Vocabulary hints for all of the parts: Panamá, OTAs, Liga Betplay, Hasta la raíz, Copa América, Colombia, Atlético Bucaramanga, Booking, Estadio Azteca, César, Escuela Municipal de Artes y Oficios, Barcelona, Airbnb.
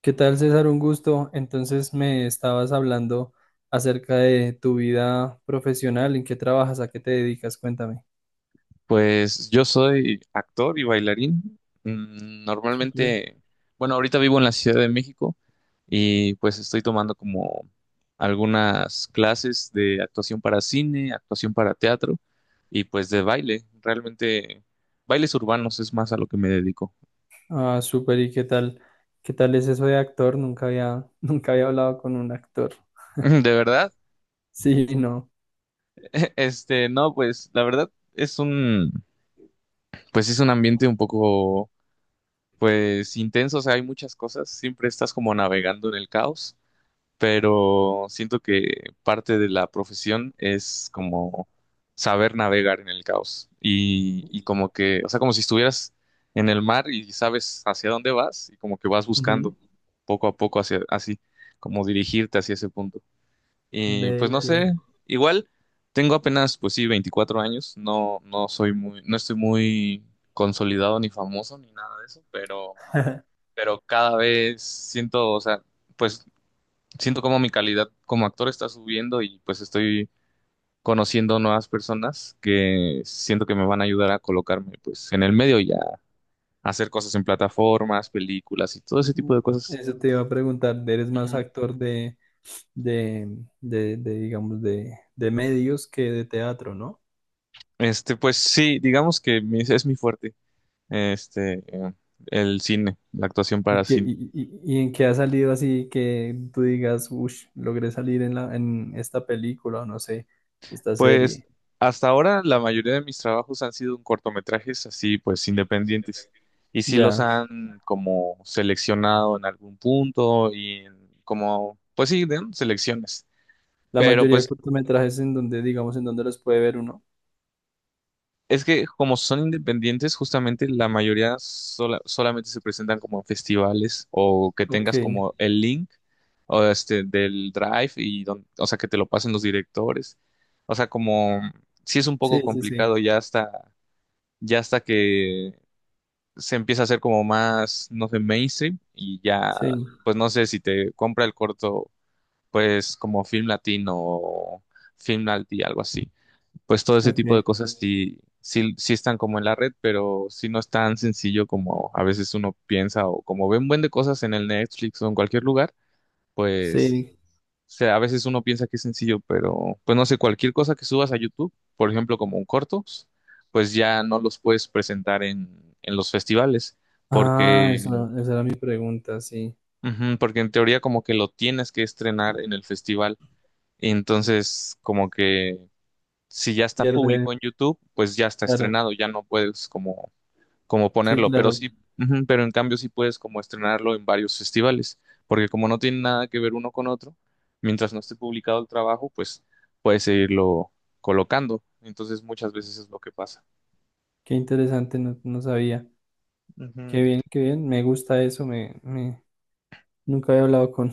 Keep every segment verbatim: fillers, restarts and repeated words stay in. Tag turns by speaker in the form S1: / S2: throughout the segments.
S1: ¿Qué tal, César? Un gusto. Entonces me estabas hablando acerca de tu vida profesional, ¿en qué trabajas, a qué te dedicas? Cuéntame.
S2: Pues yo soy actor y bailarín. Mm,
S1: Súper.
S2: Normalmente, bueno, ahorita vivo en la Ciudad de México y pues estoy tomando como algunas clases de actuación para cine, actuación para teatro y pues de baile. Realmente, bailes urbanos es más a lo que me dedico.
S1: Ah, súper, ¿y qué tal? ¿Qué tal es eso de actor? Nunca había, nunca había hablado con un actor.
S2: ¿De verdad?
S1: Sí, no.
S2: Este, no, pues la verdad es un, pues es un ambiente un poco, pues intenso, o sea, hay muchas cosas, siempre estás como navegando en el caos. Pero siento que parte de la profesión es como saber navegar en el caos y, y como que, o sea, como si estuvieras en el mar y sabes hacia dónde vas y como que vas
S1: Ujú.
S2: buscando poco a poco hacia así, como dirigirte hacia ese punto. Y pues
S1: Ve
S2: no
S1: que
S2: sé, igual tengo apenas, pues sí, veinticuatro años, no, no soy muy, no estoy muy consolidado ni famoso ni nada de eso, pero, pero cada vez siento, o sea, pues siento como mi calidad como actor está subiendo y pues estoy conociendo nuevas personas que siento que me van a ayudar a colocarme pues en el medio y a hacer cosas en plataformas, películas y todo ese tipo de cosas.
S1: eso te iba a preguntar, ¿eres más
S2: Ujú.
S1: actor de, de, de, de, digamos, de, de medios que de teatro, ¿no?
S2: Este, pues sí, digamos que mi- es mi fuerte, este, eh, el cine, la actuación para
S1: ¿Y, que
S2: cine.
S1: y, y- y en qué ha salido así que tú digas, uff, logré salir en la, en esta película, o no sé, esta
S2: Pues
S1: serie?
S2: hasta ahora la mayoría de mis trabajos han sido en cortometrajes así, pues independientes. Y sí los
S1: Ya.
S2: han como seleccionado en algún punto y en como, pues sí, de- ¿no? selecciones.
S1: La
S2: Pero
S1: mayoría de
S2: pues
S1: cortometrajes en donde, digamos, en donde los puede ver uno.
S2: es que como son independientes, justamente la mayoría sola- solamente se presentan como en festivales o que
S1: Ok.
S2: tengas como el link o este del Drive y don- o sea que te lo pasen los directores. O sea, como sí es un poco
S1: Sí, sí, sí.
S2: complicado ya hasta ya hasta que se empieza a hacer como más, no sé, mainstream y ya,
S1: Sí.
S2: pues no sé si te compra el corto, pues como Film Latino o Film Alti, algo así. Pues todo ese tipo de
S1: Ok.
S2: cosas sí, sí, sí están como en la red, pero sí no es tan sencillo como a veces uno piensa o como ven buen de cosas en el Netflix o en cualquier lugar, pues
S1: Sí.
S2: sea, a veces uno piensa que es sencillo, pero pues no sé, cualquier cosa que subas a YouTube, por ejemplo, como un cortos, pues ya no los puedes presentar en, en los festivales,
S1: Ah,
S2: porque,
S1: esa, esa era mi pregunta, sí.
S2: ujú, porque en teoría como que lo tienes que estrenar en el festival. Entonces, como que si ya está público en
S1: Pierde.
S2: YouTube, pues ya está
S1: Claro.
S2: estrenado, ya no puedes como como
S1: Sí,
S2: ponerlo, pero
S1: claro.
S2: sí, ujú, pero en cambio sí puedes como estrenarlo en varios festivales, porque como no tiene nada que ver uno con otro, mientras no esté publicado el trabajo, pues puedes seguirlo colocando. Entonces muchas veces es lo que pasa.
S1: Qué interesante, no, no sabía.
S2: Ujú.
S1: Qué bien, qué bien. Me gusta eso. Me, me... Nunca había hablado con,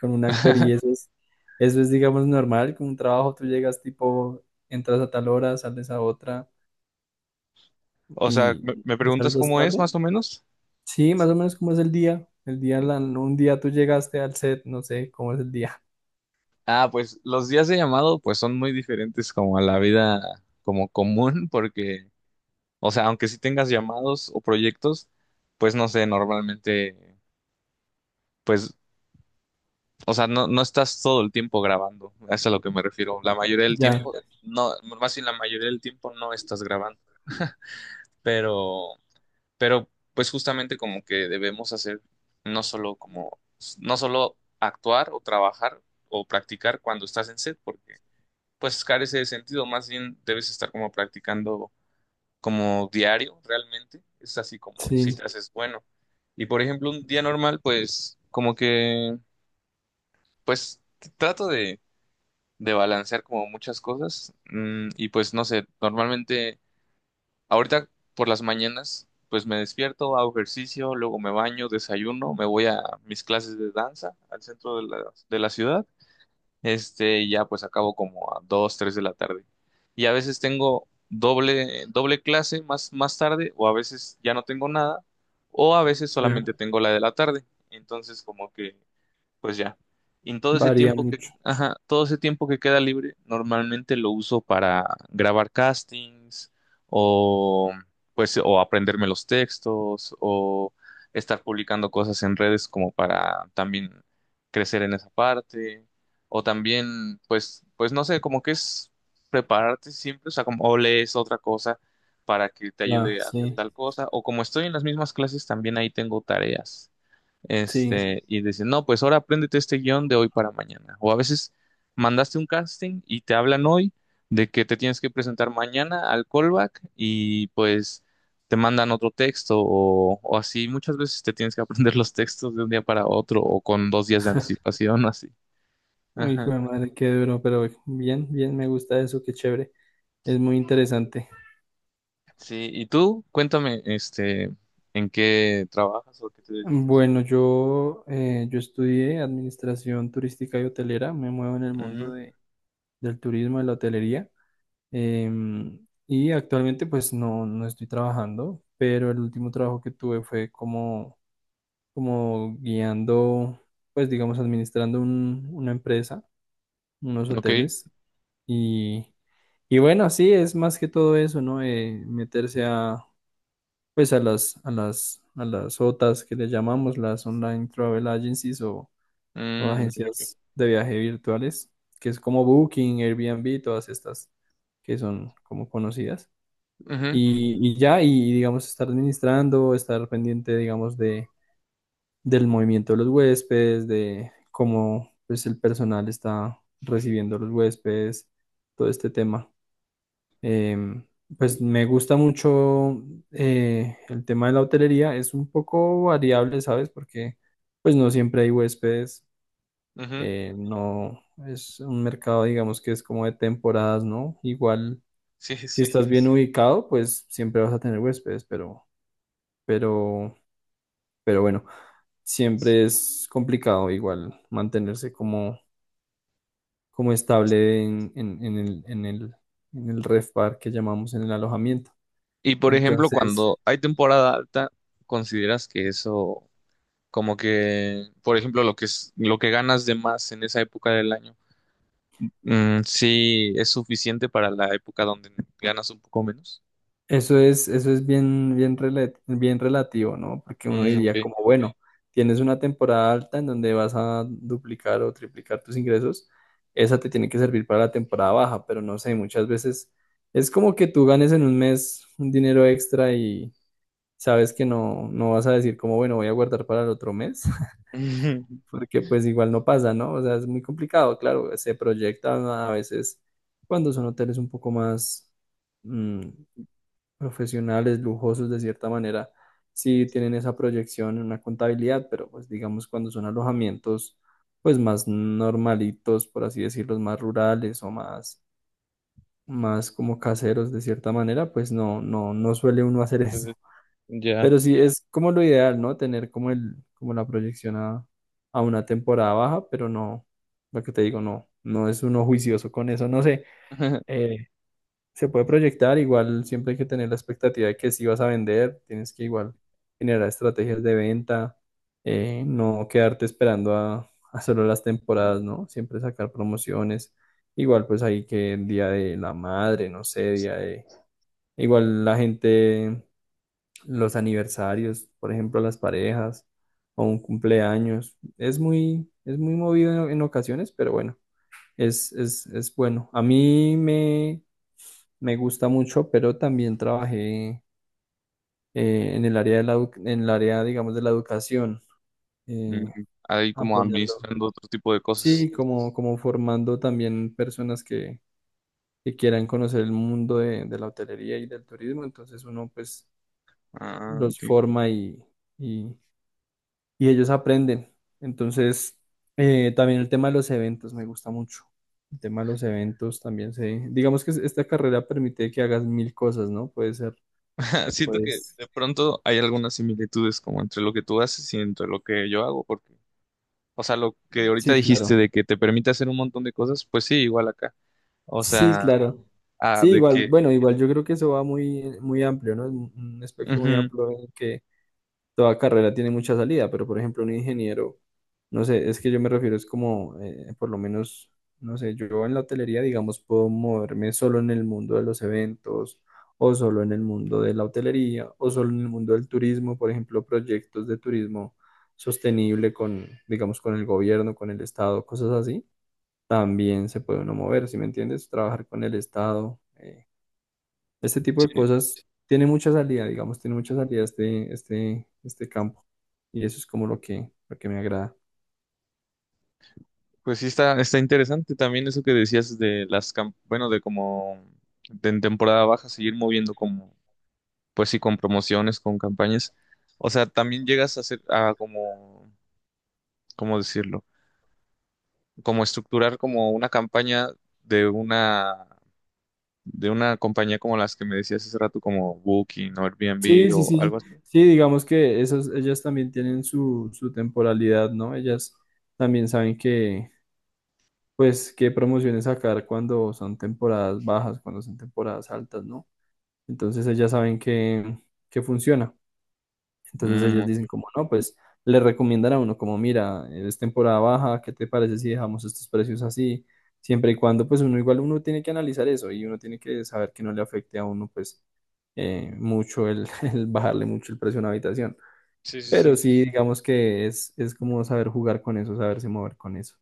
S1: con un actor y eso es, eso es, digamos, normal, con un trabajo tú llegas tipo, entras a tal hora, sales a otra
S2: O sea,
S1: y
S2: me, me
S1: es
S2: preguntas
S1: algo
S2: cómo es
S1: estable.
S2: más o menos.
S1: Sí, más o menos como es el día, el día, la, un día tú llegaste al set, no sé cómo es el día.
S2: Ah, pues los días de llamado pues son muy diferentes como a la vida como común porque, o sea, aunque sí tengas llamados o proyectos, pues no sé, normalmente pues o sea, no, no estás todo el tiempo grabando, eso es a lo que me refiero. La mayoría del
S1: Ya,
S2: tiempo, no, más bien la mayoría del tiempo no estás grabando, pero, pero pues justamente como que debemos hacer no solo como, no solo actuar o trabajar o practicar cuando estás en set, porque pues carece de sentido, más bien debes estar como practicando como diario realmente, es así como si
S1: sí,
S2: te haces bueno. Y por ejemplo, un día normal, pues como que, pues trato de de balancear como muchas cosas. Mm, y pues no sé, normalmente ahorita por las mañanas pues me despierto, hago ejercicio, luego me baño, desayuno, me voy a mis clases de danza al centro de la, de la ciudad. Este, y ya pues acabo como a dos tres de la tarde. Y a veces tengo doble, doble clase más, más tarde o a veces ya no tengo nada o a veces
S1: ya,
S2: solamente tengo la de la tarde. Entonces como que pues ya. Y en todo ese
S1: varía
S2: tiempo que,
S1: mucho,
S2: ajá, todo ese tiempo que queda libre, normalmente lo uso para grabar castings o pues o aprenderme los textos o estar publicando cosas en redes como para también crecer en esa parte o también pues pues no sé, como que es prepararte siempre, o sea, como o lees otra cosa para que te
S1: ya,
S2: ayude a hacer
S1: sí,
S2: tal cosa o como estoy en las mismas clases también ahí tengo tareas.
S1: sí.
S2: Este, y dicen, no, pues ahora apréndete este guión de hoy para mañana. O a veces mandaste un casting y te hablan hoy de que te tienes que presentar mañana al callback y pues te mandan otro texto o, o así. Muchas veces te tienes que aprender los textos de un día para otro o con dos días de anticipación, así.
S1: Ay, hijo
S2: Ajá.
S1: de madre, qué duro, pero bien, bien, me gusta eso, qué chévere, es muy interesante.
S2: Sí, y tú, cuéntame, este, ¿en qué trabajas o a qué te dedicas?
S1: Bueno, yo, eh, yo estudié administración turística y hotelera, me muevo en el mundo
S2: Mm,
S1: de del turismo, de la hotelería. Em, y actualmente pues no, no estoy trabajando, pero el último trabajo que tuve fue como, como guiando, pues digamos, administrando un- una empresa, unos
S2: ok.
S1: hoteles. Y, y bueno, sí, es más que todo eso, ¿no? Eh, meterse a, pues a las, a las, a las O T As que le llamamos, las Online Travel Agencies o o
S2: Mm, ok, ok.
S1: agencias de viaje virtuales, que es como Booking, Airbnb, todas estas que son como conocidas.
S2: Ujú,
S1: Y, y ya, y digamos, estar administrando, estar pendiente, digamos, de, del movimiento de los huéspedes, de cómo pues, el personal está recibiendo a los huéspedes, todo este tema. Em, pues me gusta mucho eh, el tema de la hotelería, es un poco variable, ¿sabes? Porque pues no siempre hay huéspedes
S2: ujú.
S1: eh, no es un mercado, digamos que es como de temporadas, ¿no? Igual,
S2: Sí,
S1: si
S2: sí.
S1: estás bien ubicado, pues siempre vas a tener huéspedes, pero, pero, pero bueno, siempre es complicado igual mantenerse como, como estable en, en, en el, en el, en el ref bar que llamamos en el alojamiento.
S2: Y por ejemplo,
S1: Entonces,
S2: cuando hay temporada alta, ¿consideras que eso, como que, por ejemplo, lo que es, lo que ganas de más en esa época del año, mm, sí es suficiente para la época donde ganas un poco menos?
S1: eso es, eso es bien, bien, rela- bien relativo, ¿no? Porque uno
S2: Mm,
S1: diría
S2: ok.
S1: como, bueno, tienes una temporada alta en donde vas a duplicar o triplicar tus ingresos, esa te tiene que servir para la temporada baja, pero no sé, muchas veces es como que tú ganes en un mes un dinero extra y sabes que no, no vas a decir como, bueno, voy a guardar para el otro mes, porque pues igual no pasa, ¿no? O sea, es muy complicado, claro, se proyectan a veces cuando son hoteles un poco más... mm, profesionales, lujosos de cierta manera, sí tienen esa proyección en una contabilidad, pero pues digamos cuando son alojamientos pues más normalitos, por así decirlo, más rurales o más, más como caseros de cierta manera, pues no, no, no suele uno hacer
S2: Entonces,
S1: eso.
S2: ya.
S1: Pero sí es como lo ideal, ¿no? Tener como el, como la proyección a, a una temporada baja, pero no, lo que te digo, no, no es uno juicioso con eso, no sé. Eh, se puede proyectar, igual siempre hay que tener la expectativa de que si vas a vender, tienes que igual generar estrategias de venta, eh, no quedarte esperando a, a solo las temporadas, ¿no? Siempre sacar promociones, igual pues ahí que el Día de la Madre, no sé, día de... Igual la gente, los aniversarios, por ejemplo, las parejas o un cumpleaños, es muy, es muy movido en, en ocasiones, pero bueno, es, es, es bueno. A mí me me gusta mucho, pero también trabajé eh, en el área de la, edu- en el área, digamos, de la educación,
S2: Mm,
S1: eh,
S2: ahí como
S1: apoyando,
S2: administrando otro tipo de cosas.
S1: sí, como, como formando también personas que, que quieran conocer el mundo de, de la hotelería y del turismo, entonces uno pues
S2: Ah,
S1: los
S2: ok. Ok.
S1: forma y, y, y ellos aprenden. Entonces, eh, también el tema de los eventos me gusta mucho. El tema de los eventos también se, digamos que esta carrera permite que hagas mil cosas, ¿no? Puede ser,
S2: Siento que
S1: pues,
S2: de pronto hay algunas similitudes como entre lo que tú haces y entre lo que yo hago, porque o sea, lo que ahorita
S1: sí, claro.
S2: dijiste de que te permite hacer un montón de cosas, pues sí, igual acá. O
S1: Sí,
S2: sea,
S1: claro.
S2: ah,
S1: Sí,
S2: de
S1: igual,
S2: que...
S1: bueno, igual yo creo que eso va muy, muy amplio, ¿no? Es Un un espectro muy
S2: ujú,
S1: amplio en el que toda carrera tiene mucha salida, pero por ejemplo un ingeniero, no sé, es que yo me refiero, es como, eh, por lo menos, no sé, yo en la hotelería, digamos, puedo moverme solo en el mundo de los eventos, o solo en el mundo de la hotelería, o solo en el mundo del turismo, por ejemplo, proyectos de turismo sostenible con, digamos, con el gobierno, con el estado, cosas así también se puede uno mover, ¿si me entiendes? Trabajar con el Estado. eh, este tipo de
S2: sí,
S1: cosas tiene mucha salida, digamos, tiene mucha salida este, este, este campo. Y eso es como lo que, lo que me agrada.
S2: pues sí está, está interesante también eso que decías de las... cam- Bueno, de como de en temporada baja seguir moviendo como... Pues sí, con promociones, con campañas. O sea, también llegas a hacer... A como... ¿Cómo decirlo? Como estructurar como una campaña de una... De una compañía como las que me decías hace rato, como Booking o Airbnb. Sí,
S1: Sí, sí,
S2: o
S1: sí.
S2: algo así.
S1: Sí, digamos que esas, ellas también tienen su, su temporalidad, ¿no? Ellas también saben que, pues, qué promociones sacar cuando son temporadas bajas, cuando son temporadas altas, ¿no? Entonces ellas saben que, que funciona. Entonces
S2: Mm,
S1: ellos dicen
S2: ok.
S1: como, no, pues le recomiendan a uno como, mira, es temporada baja, ¿qué te parece si dejamos estos precios así? Siempre y cuando, pues uno igual uno tiene que analizar eso y uno tiene que saber que no le afecte a uno, pues, eh, mucho el, el bajarle mucho el precio a una habitación.
S2: Sí, sí,
S1: Pero
S2: sí,
S1: sí, digamos que es, es como saber jugar con eso, saberse mover con eso.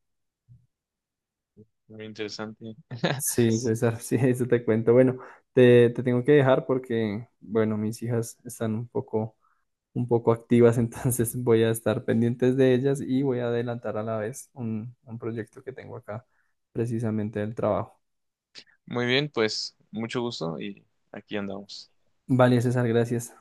S2: Muy interesante.
S1: Sí, César, sí, eso te cuento. Bueno, te, te tengo que dejar porque, bueno, mis hijas están un poco un poco activas, entonces voy a estar pendientes de ellas y voy a adelantar a la vez un, un proyecto que tengo acá, precisamente del trabajo.
S2: Muy bien, pues mucho gusto y aquí andamos.
S1: Vale, César, gracias.